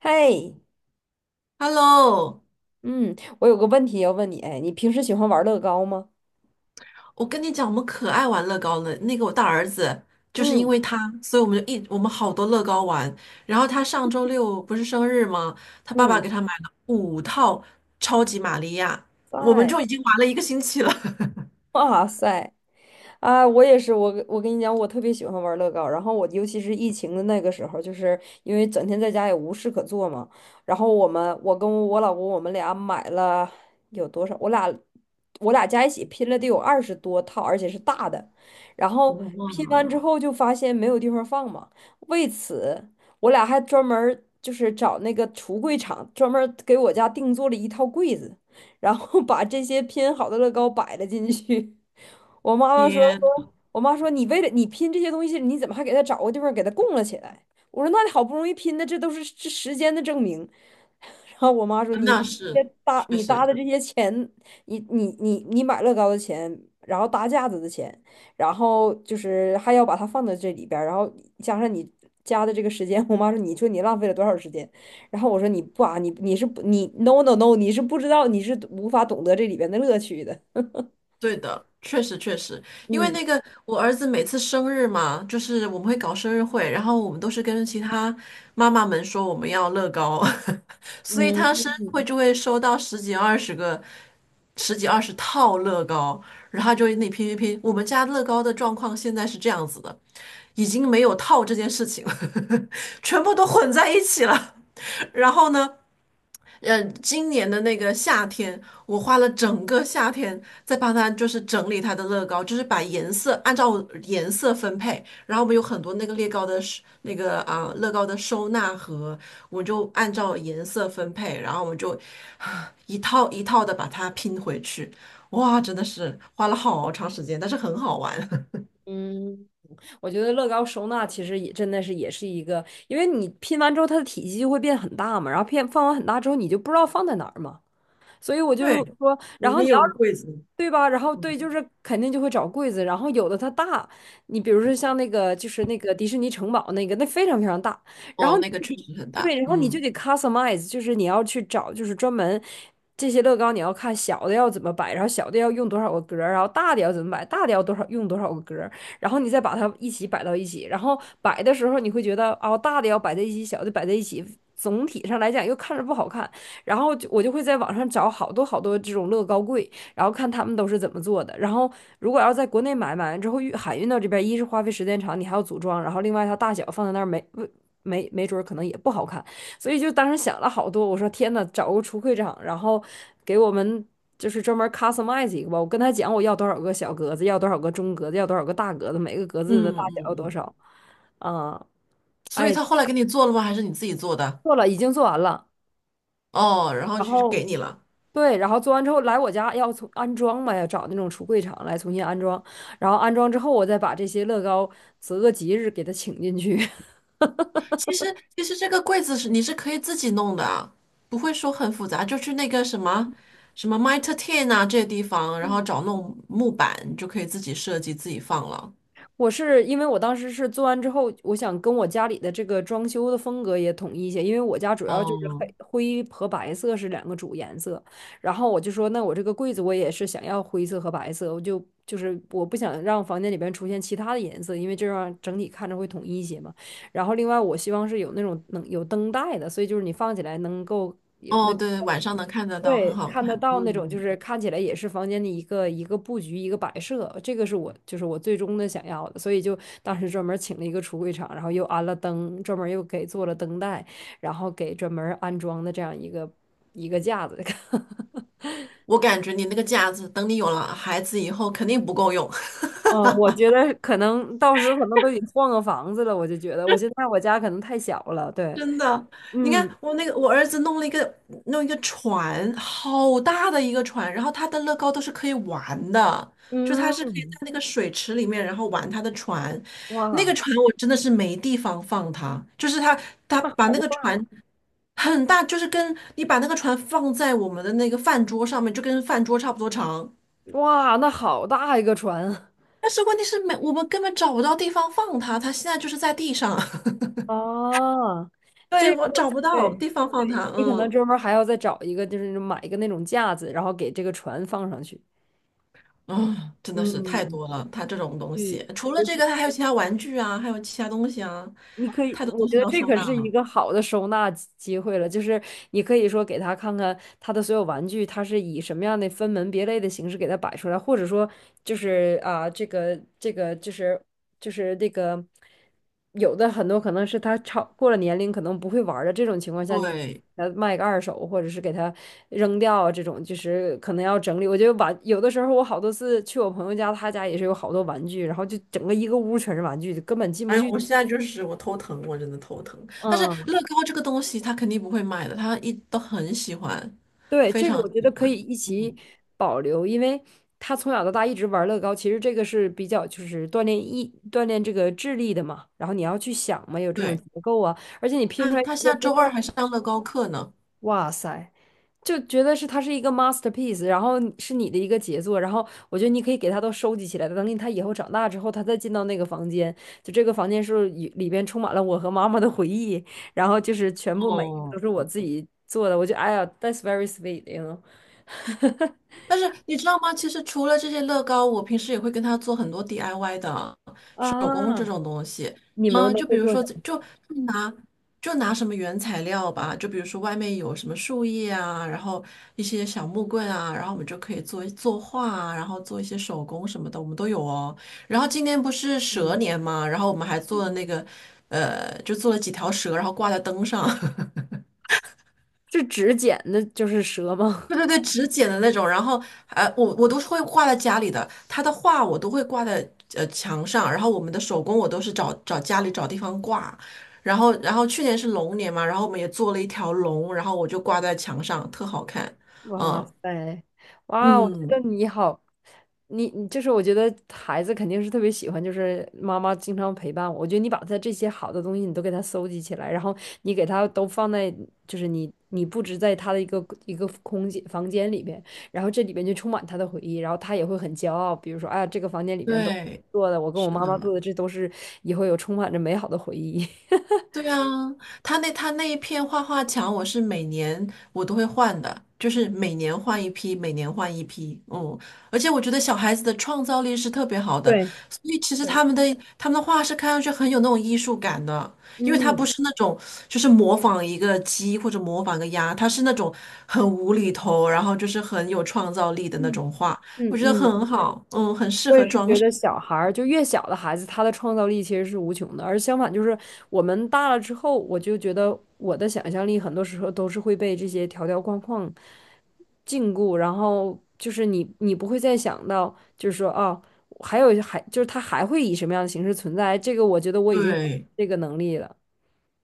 嘿，Hello，嗯，我有个问题要问你，哎，你平时喜欢玩乐高吗？我跟你讲，我们可爱玩乐高了。那个我大儿子就是因嗯为他，所以我们好多乐高玩。然后他上周六不是生日吗？他爸爸嗯，给他买了五套超级玛利亚，我们在，就已经玩了一个星期了。哇塞，啊，我也是，我跟你讲，我特别喜欢玩乐高。然后我尤其是疫情的那个时候，就是因为整天在家也无事可做嘛。然后我们，我跟我老公，我们俩买了有多少？我俩加一起拼了得有二十多套，而且是大的。然后哇，拼完之后就发现没有地方放嘛，为此我俩还专门儿就是找那个橱柜厂专门儿给我家定做了一套柜子，然后 把这些拼好的乐高摆了进去。我妈妈说。天，我妈说：“你为了你拼这些东西，你怎么还给他找个地方给他供了起来？”我说：“那你好不容易拼的，这都是这时间的证明。然后我妈说：“你那这是搭确你搭实，的这些钱，你买乐高的钱，然后搭架子的钱，然后就是还要把它放到这里边儿，然后加上你加的这个时间，我妈说你说你浪费了多少时间？然后我说你不啊，你是不 no no no，你是不知道，你是无法懂得这里边的乐趣的。对的，确实确实，因为那个我儿子每次生日嘛，就是我们会搞生日会，然后我们都是跟其他妈妈们说我们要乐高，所以嗯他生嗯日会嗯。就会收到十几二十个、十几二十套乐高，然后他就会那拼拼拼。我们家乐高的状况现在是这样子的，已经没有套这件事情了，全部都混在一起了。然后呢，今年的那个夏天，我花了整个夏天在帮他，就是整理他的乐高，就是把颜色按照颜色分配。然后我们有很多那个乐高的收纳盒，我就按照颜色分配，然后我们就一套一套的把它拼回去。哇，真的是花了好长时间，但是很好玩。嗯我觉得乐高收纳其实也真的是也是一个，因为你拼完之后它的体积就会变很大嘛，然后变放完很大之后你就不知道放在哪儿嘛。所以我就对，说，我然们后也你要有个是柜子。对吧？然后嗯，对，就是肯定就会找柜子，然后有的它大，你比如说像那个就是那个迪士尼城堡那个，那非常非常大，然哦，后你那个就确得实很大。对，然后你就嗯得 customize，就是你要去找，就是专门这些乐高你要看小的要怎么摆，然后小的要用多少个格儿然后大的要怎么摆，大的要多少用多少个格儿然后你再把它一起摆到一起，然后摆的时候你会觉得哦，大的要摆在一起，小的摆在一起，总体上来讲又看着不好看。然后就我就会在网上找好多好多这种乐高柜，然后看他们都是怎么做的。然后如果要在国内买，买完之后运海运到这边，一是花费时间长，你还要组装，然后另外它大小放在那儿没没准儿可能也不好看，所以就当时想了好多。我说天呐，找个橱柜厂，然后给我们就是专门 customize 一个吧。我跟他讲我要多少个小格子，要多少个中格子，要多少个大格子，每个格子嗯的大小嗯要多嗯。少。啊、所以哎，他后来给你做了吗？还是你自己做的？做了，已经做完了。哦，然后然就后给你了。对，然后做完之后来我家要从安装嘛，要找那种橱柜厂来重新安装，然后安装之后我再把这些乐高择个吉日给他请进去。其实这个柜子你是可以自己弄的啊不会说很复杂，就去那个什么什么 Mitre Ten 啊这些地方，然后 找那种木板，你就可以自己设计自己放了。我是因为我当时是做完之后，我想跟我家里的这个装修的风格也统一一些，因为我家主要就是哦黑灰和白色是两个主颜色，然后我就说，那我这个柜子我也是想要灰色和白色，就是我不想让房间里边出现其他的颜色，因为这样整体看着会统一一些嘛。然后另外我希望是有那种能有灯带的，所以就是你放起来能够。有哦，对，晚上能看得到，很对，好看得看。到那种，就嗯，是看起来也是房间的一个一个布局、一个摆设，这个是我就是我最终的想要的，所以就当时专门请了一个橱柜厂，然后又安了灯，专门又给做了灯带，然后给专门安装的这样一个架子。我感觉你那个架子，等你有了孩子以后，肯定不够用。嗯，我觉得可能到时候可能都得换个房子了，我就觉得我现在我家可能太小了，对，真的，你看嗯我那个我儿子弄了一个船，好大的一个船，然后他的乐高都是可以玩的，就他是可以在嗯，那个水池里面，然后玩他的船。那个哇，船我真的是没地方放它，就是他那把那好个大，船很大，就是跟你把那个船放在我们的那个饭桌上面，就跟饭桌差不多长。哇，那好大一个船但是问题是没，我们根本找不到地方放它，它现在就是在地上，啊，对，这我个找不到对。地方放它，你可能嗯。专门还要再找一个，就是买一个那种架子，然后给这个船放上去。啊，真的是太嗯，多了，它这种东西，嗯，除了尤这其个，它还有其他玩具啊，还有其他东西啊，你可以，太多我东西觉得要这收可纳是一了。个好的收纳会了，就是你可以说给他看看他的所有玩具，他是以什么样的分门别类的形式给他摆出来，或者说就是啊，这个就是就是那个有的很多可能是他超过了年龄，可能不会玩儿的这种情况下，你给对，他卖个二手，或者是给他扔掉啊，这种就是可能要整理。我觉得玩有的时候我好多次去我朋友家，他家也是有好多玩具，然后就整个一个屋全是玩具，就根本进不哎呦，去。我现在就是我头疼，我真的头疼。但是乐嗯。高这个东西，他肯定不会卖的，他都很喜欢，对，非这个常我觉得喜可欢。以一起保留，因为他从小到大一直玩乐高，其实这个是比较就是锻炼这个智力的嘛。然后你要去想嘛，有这种对，结构啊，而且你拼出来他一个下之周二后，还上乐高课呢。哇塞，就觉得是它是一个 masterpiece，然后你是你的一个杰作。然后我觉得你可以给它都收集起来，等他以后长大之后，他再进到那个房间，就这个房间是里边充满了我和妈妈的回忆，然后就是全部每一个都哦，是我自己做的。我就得哎呀，that's very s w e e t y n o 但是你知道吗？其实除了这些乐高，我平时也会跟他做很多 DIY 的手工这啊，种东西。你们嗯，都就比会如做说，什么？拿就拿什么原材料吧，就比如说外面有什么树叶啊，然后一些小木棍啊，然后我们就可以作画啊，然后做一些手工什么的，我们都有哦。然后今年不是蛇年嘛，然后我们还做了那个，就做了几条蛇，然后挂在灯上。是指剪的，就是蛇吗？对对对，纸剪的那种，然后我都是会挂在家里的，他的画我都会挂在墙上，然后我们的手工我都是找找家里找地方挂，然后去年是龙年嘛，然后我们也做了一条龙，然后我就挂在墙上，特好看，哇嗯塞，哇，我觉嗯，得你好，你你就是我觉得孩子肯定是特别喜欢，就是妈妈经常陪伴我。我觉得你把他这些好的东西你都给他搜集起来，然后你给他都放在，就是你你布置在他的一个一个空间房间里边，然后这里边就充满他的回忆，然后他也会很骄傲。比如说，哎呀，这个房间里边都对，做的，我跟我是妈妈做的，的，这都是以后有充满着美好的回忆。对啊，他那一片画画墙，我是每年我都会换的，就是每年换一批，每年换一批。嗯，而且我觉得小孩子的创造力是特别好的，对。所以其实对他们的画是看上去很有那种艺术感的，因为他不嗯是那种就是模仿一个鸡或者模仿一个鸭，他是那种很无厘头，然后就是很有创造力的那嗯种画，我嗯觉得嗯，很好，嗯，很适我也合是装觉饰。得小孩儿就越小的孩子，他的创造力其实是无穷的，而相反就是我们大了之后，我就觉得我的想象力很多时候都是会被这些条条框框禁锢，然后就是你你不会再想到，就是说哦，还就是它还会以什么样的形式存在，这个我觉得我已经对，这个能力了。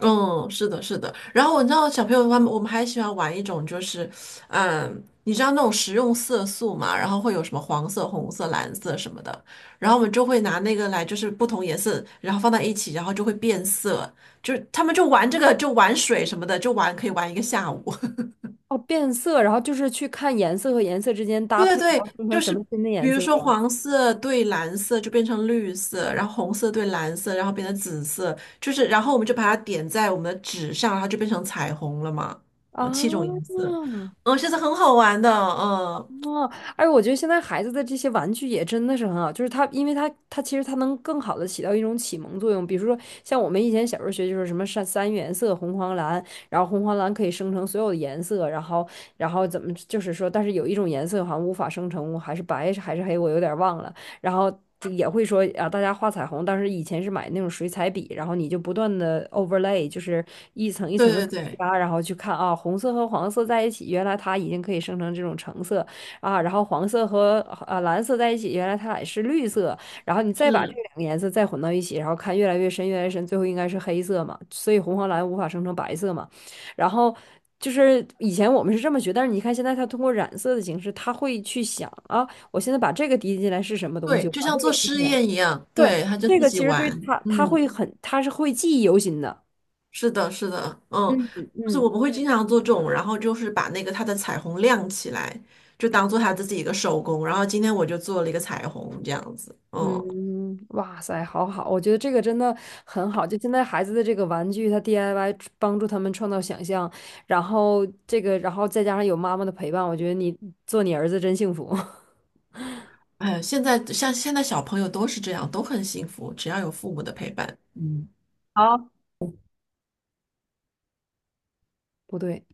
嗯，是的，是的。然后你知道，小朋友他们我们还喜欢玩一种，就是，嗯，你知道那种食用色素嘛？然后会有什么黄色、红色、蓝色什么的。然后我们就会拿那个来，就是不同颜色，然后放在一起，然后就会变色。就是他们就玩这个，就玩水什么的，就玩可以玩一个下午。哦，变色，然后就是去看颜色和颜色之间搭配，对对然后对，生成就什是么新的比颜如色说吗？黄色对蓝色就变成绿色，然后红色对蓝色，然后变成紫色，就是然后我们就把它点在我们的纸上，然后就变成彩虹了嘛，七种啊。颜色，嗯，其实很好玩的，嗯，哦，而我觉得现在孩子的这些玩具也真的是很好，就是他，因为他，他其实他能更好的起到一种启蒙作用。比如说，像我们以前小时候学就是什么三原色红黄蓝，然后红黄蓝可以生成所有的颜色，然后然后怎么就是说，但是有一种颜色好像无法生成，还是白还是黑，我有点忘了。然后就也会说啊，大家画彩虹，当时以前是买那种水彩笔，然后你就不断的 overlay，就是一层一对层的对对，加，然后去看啊，红色和黄色在一起，原来它已经可以生成这种橙色。啊，然后黄色和蓝色在一起，原来它俩是绿色，然后你再把这是，两个颜色再混到一起，然后看越来越深，越来越深，最后应该是黑色嘛，所以红黄蓝无法生成白色嘛。然后就是以前我们是这么学，但是你看现在它通过染色的形式，它会去想啊，我现在把这个滴进来是什么东对，西，我就把这像个做滴实进来，验一样，对，对，他就这自个己其实对玩，它，它嗯。会很，它是会记忆犹新的。是的，是的，嗯，嗯就是我嗯。们会经常做这种，然后就是把那个它的彩虹亮起来，就当做它自己一个手工。然后今天我就做了一个彩虹，这样子，嗯，嗯，哇塞，好好，我觉得这个真的很好。就现在孩子的这个玩具，他 DIY 帮助他们创造想象，然后这个，然后再加上有妈妈的陪伴，我觉得你做你儿子真幸福。哎像现在小朋友都是这样，都很幸福，只要有父母的陪伴。嗯。好，不对，